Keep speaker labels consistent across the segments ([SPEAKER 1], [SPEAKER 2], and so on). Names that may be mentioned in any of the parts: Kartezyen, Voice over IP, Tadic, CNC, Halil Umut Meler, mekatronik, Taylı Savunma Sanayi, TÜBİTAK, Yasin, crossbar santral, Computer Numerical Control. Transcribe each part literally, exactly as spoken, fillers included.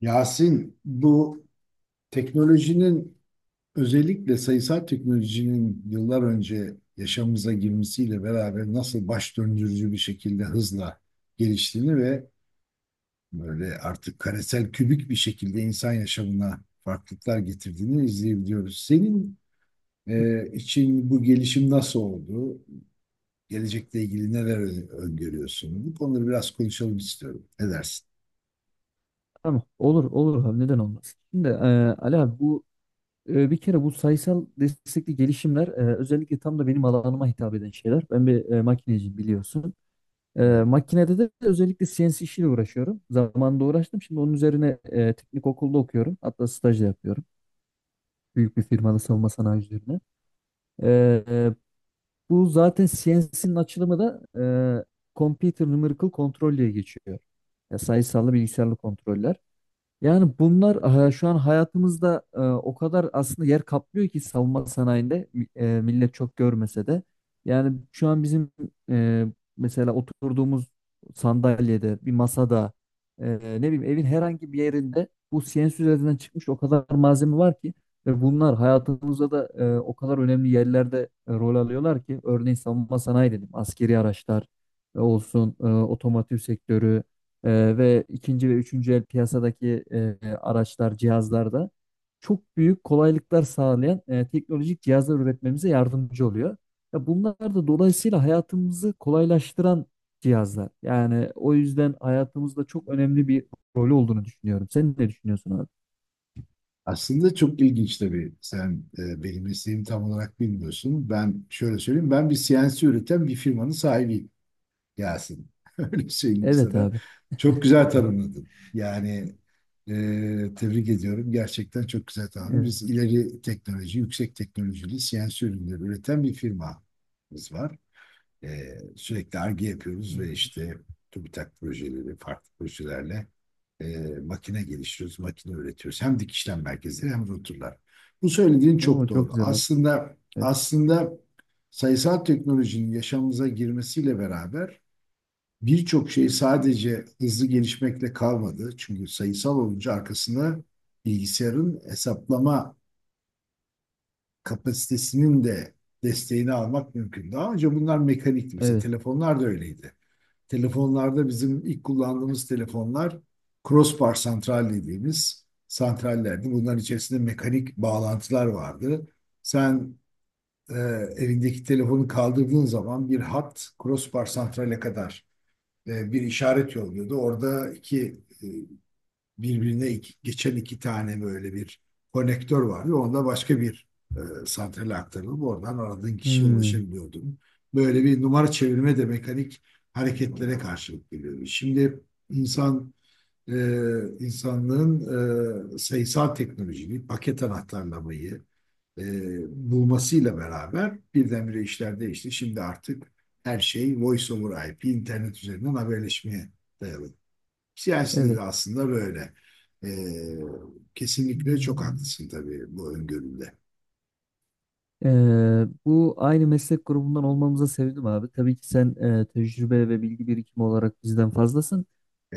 [SPEAKER 1] Yasin, bu teknolojinin özellikle sayısal teknolojinin yıllar önce yaşamımıza girmesiyle beraber nasıl baş döndürücü bir şekilde hızla geliştiğini ve böyle artık karesel kübik bir şekilde insan yaşamına farklılıklar getirdiğini izleyebiliyoruz. Senin e, için bu gelişim nasıl oldu? Gelecekle ilgili neler ö- öngörüyorsun? Bu konuları biraz konuşalım istiyorum. Ne dersin?
[SPEAKER 2] Tamam. Olur olur abi, neden olmaz. Şimdi e, Ali abi, bu e, bir kere bu sayısal destekli gelişimler, e, özellikle tam da benim alanıma hitap eden şeyler. Ben bir e, makineciyim, biliyorsun. E, makinede de özellikle C N C işiyle uğraşıyorum. Zamanında uğraştım. Şimdi onun üzerine e, teknik okulda okuyorum. Hatta staj da yapıyorum. Büyük bir firmada, savunma sanayi üzerine. E, e, bu zaten C N C'nin açılımı da e, Computer Numerical Control diye geçiyor. Ya, sayısallı bilgisayarlı kontroller. Yani bunlar e, şu an hayatımızda e, o kadar aslında yer kaplıyor ki, savunma sanayinde mi- e, millet çok görmese de. Yani şu an bizim e, mesela oturduğumuz sandalyede, bir masada, e, ne bileyim evin herhangi bir yerinde, bu C N C üzerinden çıkmış o kadar malzeme var ki ve bunlar hayatımızda da e, o kadar önemli yerlerde e, rol alıyorlar ki. Örneğin savunma sanayi dedim, askeri araçlar e, olsun, e, otomotiv sektörü, ee, ve ikinci ve üçüncü el piyasadaki e, araçlar, cihazlarda çok büyük kolaylıklar sağlayan e, teknolojik cihazlar üretmemize yardımcı oluyor. Ya, bunlar da dolayısıyla hayatımızı kolaylaştıran cihazlar. Yani o yüzden hayatımızda çok önemli bir rolü olduğunu düşünüyorum. Sen ne düşünüyorsun abi?
[SPEAKER 1] Aslında çok ilginç tabii. Sen e, benim mesleğimi tam olarak bilmiyorsun. Ben şöyle söyleyeyim. Ben bir C N C üreten bir firmanın sahibiyim Yasin. Öyle söyleyeyim
[SPEAKER 2] Evet
[SPEAKER 1] sana.
[SPEAKER 2] abi.
[SPEAKER 1] Çok güzel tanımladın. Yani e, tebrik ediyorum. Gerçekten çok güzel tanımladın.
[SPEAKER 2] Evet.
[SPEAKER 1] Biz ileri teknoloji, yüksek teknolojili C N C ürünleri üreten bir firmamız var. Ee, sürekli arge yapıyoruz ve işte TÜBİTAK projeleri, farklı projelerle e, makine geliştiriyoruz, makine üretiyoruz. Hem dikişlem merkezleri hem rotorlar. Bu söylediğin çok
[SPEAKER 2] Oo, çok
[SPEAKER 1] doğru.
[SPEAKER 2] güzel abi.
[SPEAKER 1] Aslında
[SPEAKER 2] Evet.
[SPEAKER 1] aslında sayısal teknolojinin yaşamımıza girmesiyle beraber birçok şey sadece hızlı gelişmekle kalmadı. Çünkü sayısal olunca arkasına bilgisayarın hesaplama kapasitesinin de desteğini almak mümkün. Daha önce bunlar mekanikti. Mesela
[SPEAKER 2] Evet.
[SPEAKER 1] telefonlar da öyleydi. Telefonlarda bizim ilk kullandığımız telefonlar crossbar santral dediğimiz santrallerdi. Bunların içerisinde mekanik bağlantılar vardı. Sen e, evindeki telefonu kaldırdığın zaman bir hat crossbar santrale kadar e, bir işaret yolluyordu. Orada iki e, birbirine iki- geçen iki tane böyle bir konektör vardı. Onda başka bir e, santrale aktarılıp oradan aradığın kişiye
[SPEAKER 2] Hmm,
[SPEAKER 1] ulaşabiliyordun. Böyle bir numara çevirme de mekanik hareketlere karşılık geliyordu. Şimdi insan e, insanlığın e, sayısal teknolojiyi, paket anahtarlamayı e, bulmasıyla beraber birdenbire işler değişti. Şimdi artık her şey Voice over I P, internet üzerinden haberleşmeye dayalı. Siyasi de
[SPEAKER 2] evet.
[SPEAKER 1] aslında böyle. Ee, kesinlikle çok
[SPEAKER 2] Hmm.
[SPEAKER 1] haklısın tabii bu öngöründe.
[SPEAKER 2] Ee, bu aynı meslek grubundan olmamıza sevindim abi. Tabii ki sen e, tecrübe ve bilgi birikimi olarak bizden fazlasın.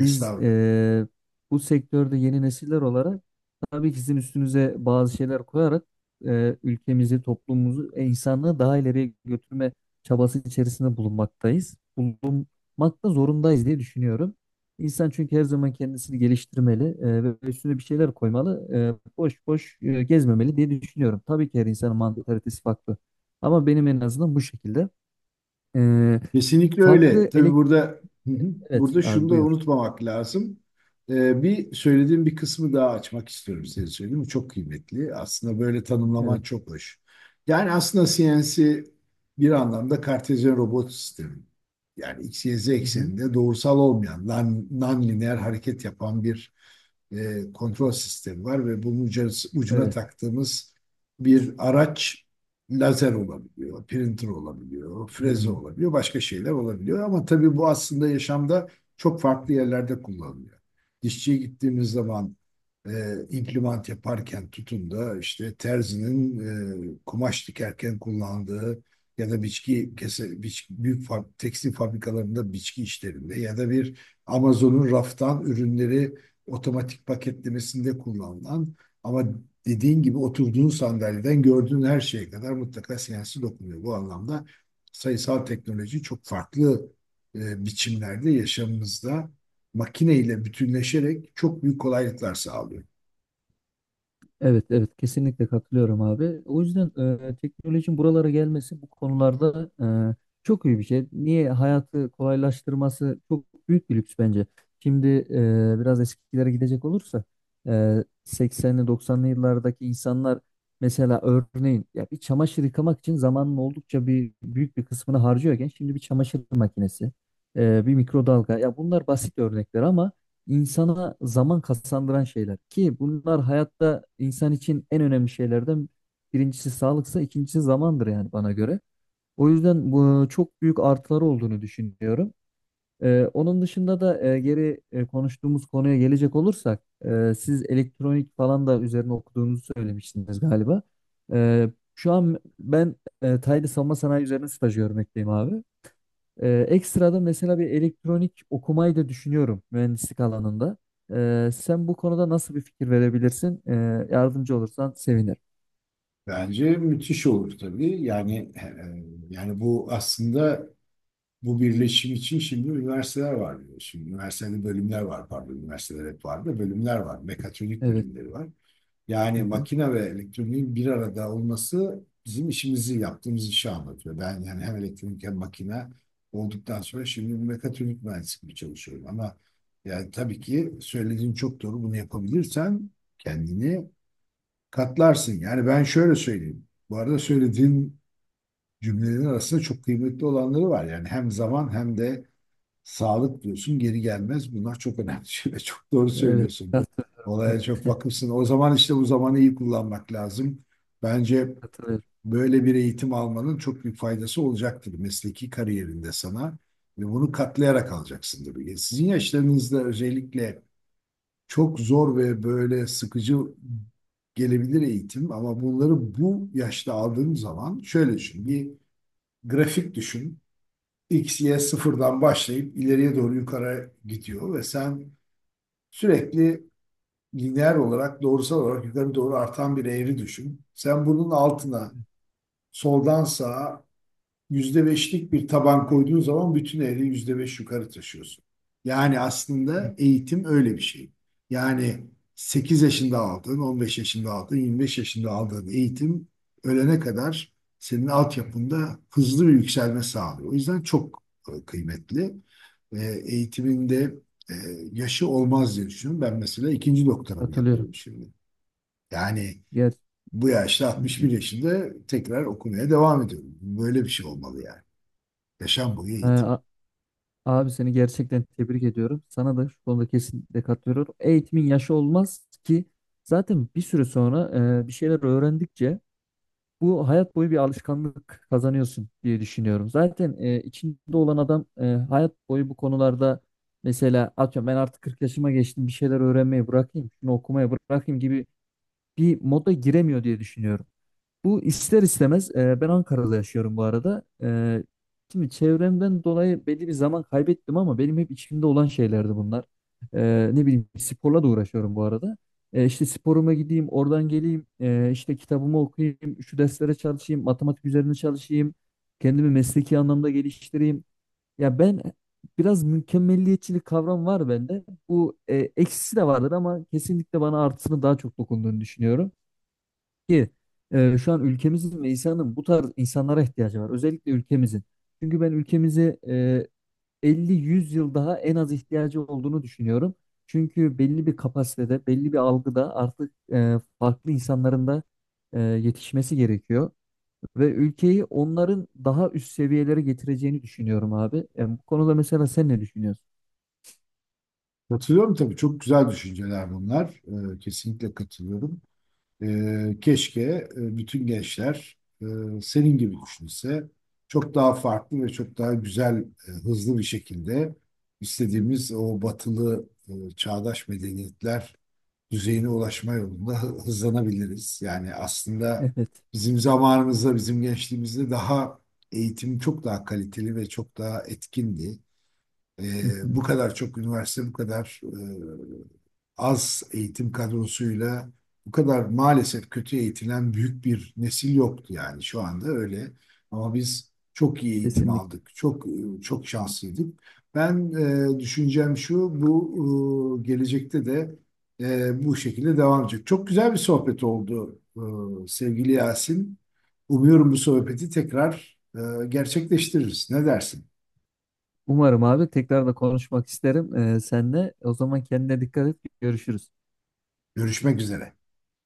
[SPEAKER 2] Biz e, bu sektörde yeni nesiller olarak tabii ki sizin üstünüze bazı şeyler koyarak e, ülkemizi, toplumumuzu, e, insanlığı daha ileriye götürme çabası içerisinde bulunmaktayız. Bulunmak da zorundayız diye düşünüyorum. İnsan çünkü her zaman kendisini geliştirmeli e, ve üstüne bir şeyler koymalı. E, boş boş e, gezmemeli diye düşünüyorum. Tabii ki her insanın mantalitesi farklı. Ama benim en azından bu şekilde. E,
[SPEAKER 1] Kesinlikle öyle.
[SPEAKER 2] farklı
[SPEAKER 1] Tabii
[SPEAKER 2] elek...
[SPEAKER 1] burada. Hı hı.
[SPEAKER 2] Evet
[SPEAKER 1] Burada şunu
[SPEAKER 2] abi,
[SPEAKER 1] da
[SPEAKER 2] buyur.
[SPEAKER 1] unutmamak lazım. Ee, bir söylediğim bir kısmı daha açmak istiyorum size söyleyeyim. Bu çok kıymetli. Aslında böyle tanımlaman
[SPEAKER 2] Evet.
[SPEAKER 1] çok hoş. Yani aslında C N C bir anlamda Kartezyen robot sistemi. Yani X, Y, Z
[SPEAKER 2] Hı hı.
[SPEAKER 1] ekseninde doğrusal olmayan, non, non-lineer hareket yapan bir e, kontrol sistemi var ve bunun ucuna, ucuna
[SPEAKER 2] Evet.
[SPEAKER 1] taktığımız bir araç lazer olabiliyor, printer olabiliyor, freze
[SPEAKER 2] Hmm.
[SPEAKER 1] olabiliyor, başka şeyler olabiliyor. Ama tabii bu aslında yaşamda çok farklı yerlerde kullanılıyor. Dişçiye gittiğimiz zaman e, implement yaparken tutun da işte terzinin e, kumaş dikerken kullandığı ya da biçki kese, biç, büyük fa- tekstil fabrikalarında biçki işlerinde ya da bir Amazon'un raftan ürünleri otomatik paketlemesinde kullanılan ama dediğin gibi oturduğun sandalyeden gördüğün her şeye kadar mutlaka sensi dokunuyor. Bu anlamda sayısal teknoloji çok farklı e, biçimlerde yaşamımızda makineyle bütünleşerek çok büyük kolaylıklar sağlıyor.
[SPEAKER 2] Evet, evet, kesinlikle katılıyorum abi. O yüzden e, teknolojinin buralara gelmesi bu konularda e, çok iyi bir şey. Niye, hayatı kolaylaştırması çok büyük bir lüks bence. Şimdi e, biraz eskilere gidecek olursa, e, seksenli doksanlı yıllardaki insanlar mesela, örneğin, ya bir çamaşır yıkamak için zamanın oldukça bir büyük bir kısmını harcıyorken, şimdi bir çamaşır makinesi, e, bir mikrodalga, ya bunlar basit örnekler ama insana zaman kazandıran şeyler ki bunlar hayatta insan için en önemli şeylerden birincisi sağlıksa ikincisi zamandır, yani bana göre. O yüzden bu çok büyük artıları olduğunu düşünüyorum. Ee, onun dışında da e, geri e, konuştuğumuz konuya gelecek olursak, e, siz elektronik falan da üzerine okuduğunuzu söylemiştiniz galiba. Ee, şu an ben e, Taylı Savunma Sanayi üzerine staj görmekteyim abi. Ee, ekstra da mesela bir elektronik okumayı da düşünüyorum mühendislik alanında. Ee, sen bu konuda nasıl bir fikir verebilirsin? Ee, yardımcı olursan sevinirim.
[SPEAKER 1] Bence müthiş olur tabii. Yani e, e, yani bu aslında bu birleşim için şimdi üniversiteler var. Diyor. Şimdi üniversitede bölümler var pardon. Üniversiteler hep var da bölümler var. Mekatronik
[SPEAKER 2] Evet.
[SPEAKER 1] bölümleri var. Yani
[SPEAKER 2] Hı hı.
[SPEAKER 1] makine ve elektroniğin bir arada olması bizim işimizi yaptığımız işi anlatıyor. Ben yani hem elektronik hem makine olduktan sonra şimdi mekatronik mühendisliği çalışıyorum. Ama yani tabii ki söylediğin çok doğru. Bunu yapabilirsen kendini katlarsın. Yani ben şöyle söyleyeyim. Bu arada söylediğin cümlelerin arasında çok kıymetli olanları var. Yani hem zaman hem de sağlık diyorsun geri gelmez. Bunlar çok önemli şeyler. Çok doğru
[SPEAKER 2] Evet.
[SPEAKER 1] söylüyorsun.
[SPEAKER 2] Katılıyorum abi.
[SPEAKER 1] Olaya çok vakıfsın. O zaman işte bu zamanı iyi kullanmak lazım. Bence
[SPEAKER 2] Katılıyorum.
[SPEAKER 1] böyle bir eğitim almanın çok büyük faydası olacaktır mesleki kariyerinde sana. Ve bunu katlayarak alacaksın tabii. Sizin yaşlarınızda özellikle çok zor ve böyle sıkıcı gelebilir eğitim ama bunları bu yaşta aldığın zaman şöyle düşün. Bir grafik düşün. X, Y sıfırdan başlayıp ileriye doğru yukarı gidiyor ve sen sürekli lineer olarak doğrusal olarak yukarı doğru artan bir eğri düşün. Sen bunun
[SPEAKER 2] Evet,
[SPEAKER 1] altına soldan sağa yüzde beşlik bir taban koyduğun zaman bütün ehli yüzde beş yukarı taşıyorsun. Yani
[SPEAKER 2] evet.
[SPEAKER 1] aslında eğitim öyle bir şey. Yani sekiz yaşında aldığın, on beş yaşında aldığın, yirmi beş yaşında aldığın eğitim ölene kadar senin altyapında hızlı bir yükselme sağlıyor. O yüzden çok e, kıymetli. E, Eğitiminde e, yaşı olmaz diye düşünüyorum. Ben mesela ikinci doktoramı
[SPEAKER 2] Katılıyorum.
[SPEAKER 1] yapıyorum şimdi. Yani
[SPEAKER 2] Ger
[SPEAKER 1] bu yaşta
[SPEAKER 2] Hı hı.
[SPEAKER 1] altmış bir yaşında tekrar okumaya devam ediyorum. Böyle bir şey olmalı yani. Yaşam boyu
[SPEAKER 2] Ee,
[SPEAKER 1] eğitim.
[SPEAKER 2] a- abi, seni gerçekten tebrik ediyorum. Sana da şu konuda kesinlikle katılıyorum. Eğitimin yaşı olmaz ki. Zaten bir süre sonra e, bir şeyler öğrendikçe bu hayat boyu bir alışkanlık kazanıyorsun diye düşünüyorum. Zaten e, içinde olan adam e, hayat boyu bu konularda mesela atıyorum, ben artık kırk yaşıma geçtim, bir şeyler öğrenmeyi bırakayım, şunu okumaya bırakayım gibi bir moda giremiyor diye düşünüyorum. Bu ister istemez, e, ben Ankara'da yaşıyorum bu arada. E, şimdi çevremden dolayı belli bir zaman kaybettim ama benim hep içimde olan şeylerdi bunlar. E, ne bileyim, sporla da uğraşıyorum bu arada. E, işte sporuma gideyim, oradan geleyim, e, işte kitabımı okuyayım, şu derslere çalışayım, matematik üzerine çalışayım, kendimi mesleki anlamda geliştireyim. Ya, ben biraz mükemmelliyetçilik kavram var bende. Bu e, eksisi de vardır ama kesinlikle bana artısını daha çok dokunduğunu düşünüyorum ki e, şu an ülkemizin ve insanın bu tarz insanlara ihtiyacı var. Özellikle ülkemizin. Çünkü ben ülkemizi e, elli yüz yıl daha en az ihtiyacı olduğunu düşünüyorum. Çünkü belli bir kapasitede, belli bir algıda artık e, farklı insanların da e, yetişmesi gerekiyor. Ve ülkeyi onların daha üst seviyelere getireceğini düşünüyorum abi. Yani bu konuda mesela sen ne düşünüyorsun?
[SPEAKER 1] Katılıyorum tabii. Çok güzel düşünceler bunlar. Ee, kesinlikle katılıyorum. Ee, keşke e, bütün gençler e, senin gibi düşünse çok daha farklı ve çok daha güzel, e, hızlı bir şekilde istediğimiz o batılı e, çağdaş medeniyetler düzeyine ulaşma yolunda hı- hızlanabiliriz. Yani aslında
[SPEAKER 2] Evet.
[SPEAKER 1] bizim zamanımızda, bizim gençliğimizde daha eğitim çok daha kaliteli ve çok daha etkindi.
[SPEAKER 2] Hı
[SPEAKER 1] Ee,
[SPEAKER 2] hı.
[SPEAKER 1] bu kadar çok üniversite, bu kadar e, az eğitim kadrosuyla bu kadar maalesef kötü eğitilen büyük bir nesil yoktu yani şu anda öyle. Ama biz çok iyi eğitim
[SPEAKER 2] Kesinlikle.
[SPEAKER 1] aldık, çok e, çok şanslıydık. Ben e, düşüncem şu, bu e, gelecekte de e, bu şekilde devam edecek. Çok güzel bir sohbet oldu e, sevgili Yasin. Umuyorum bu sohbeti tekrar e, gerçekleştiririz. Ne dersin?
[SPEAKER 2] Umarım abi, tekrar da konuşmak isterim e, seninle. O zaman kendine dikkat et. Görüşürüz.
[SPEAKER 1] Görüşmek üzere.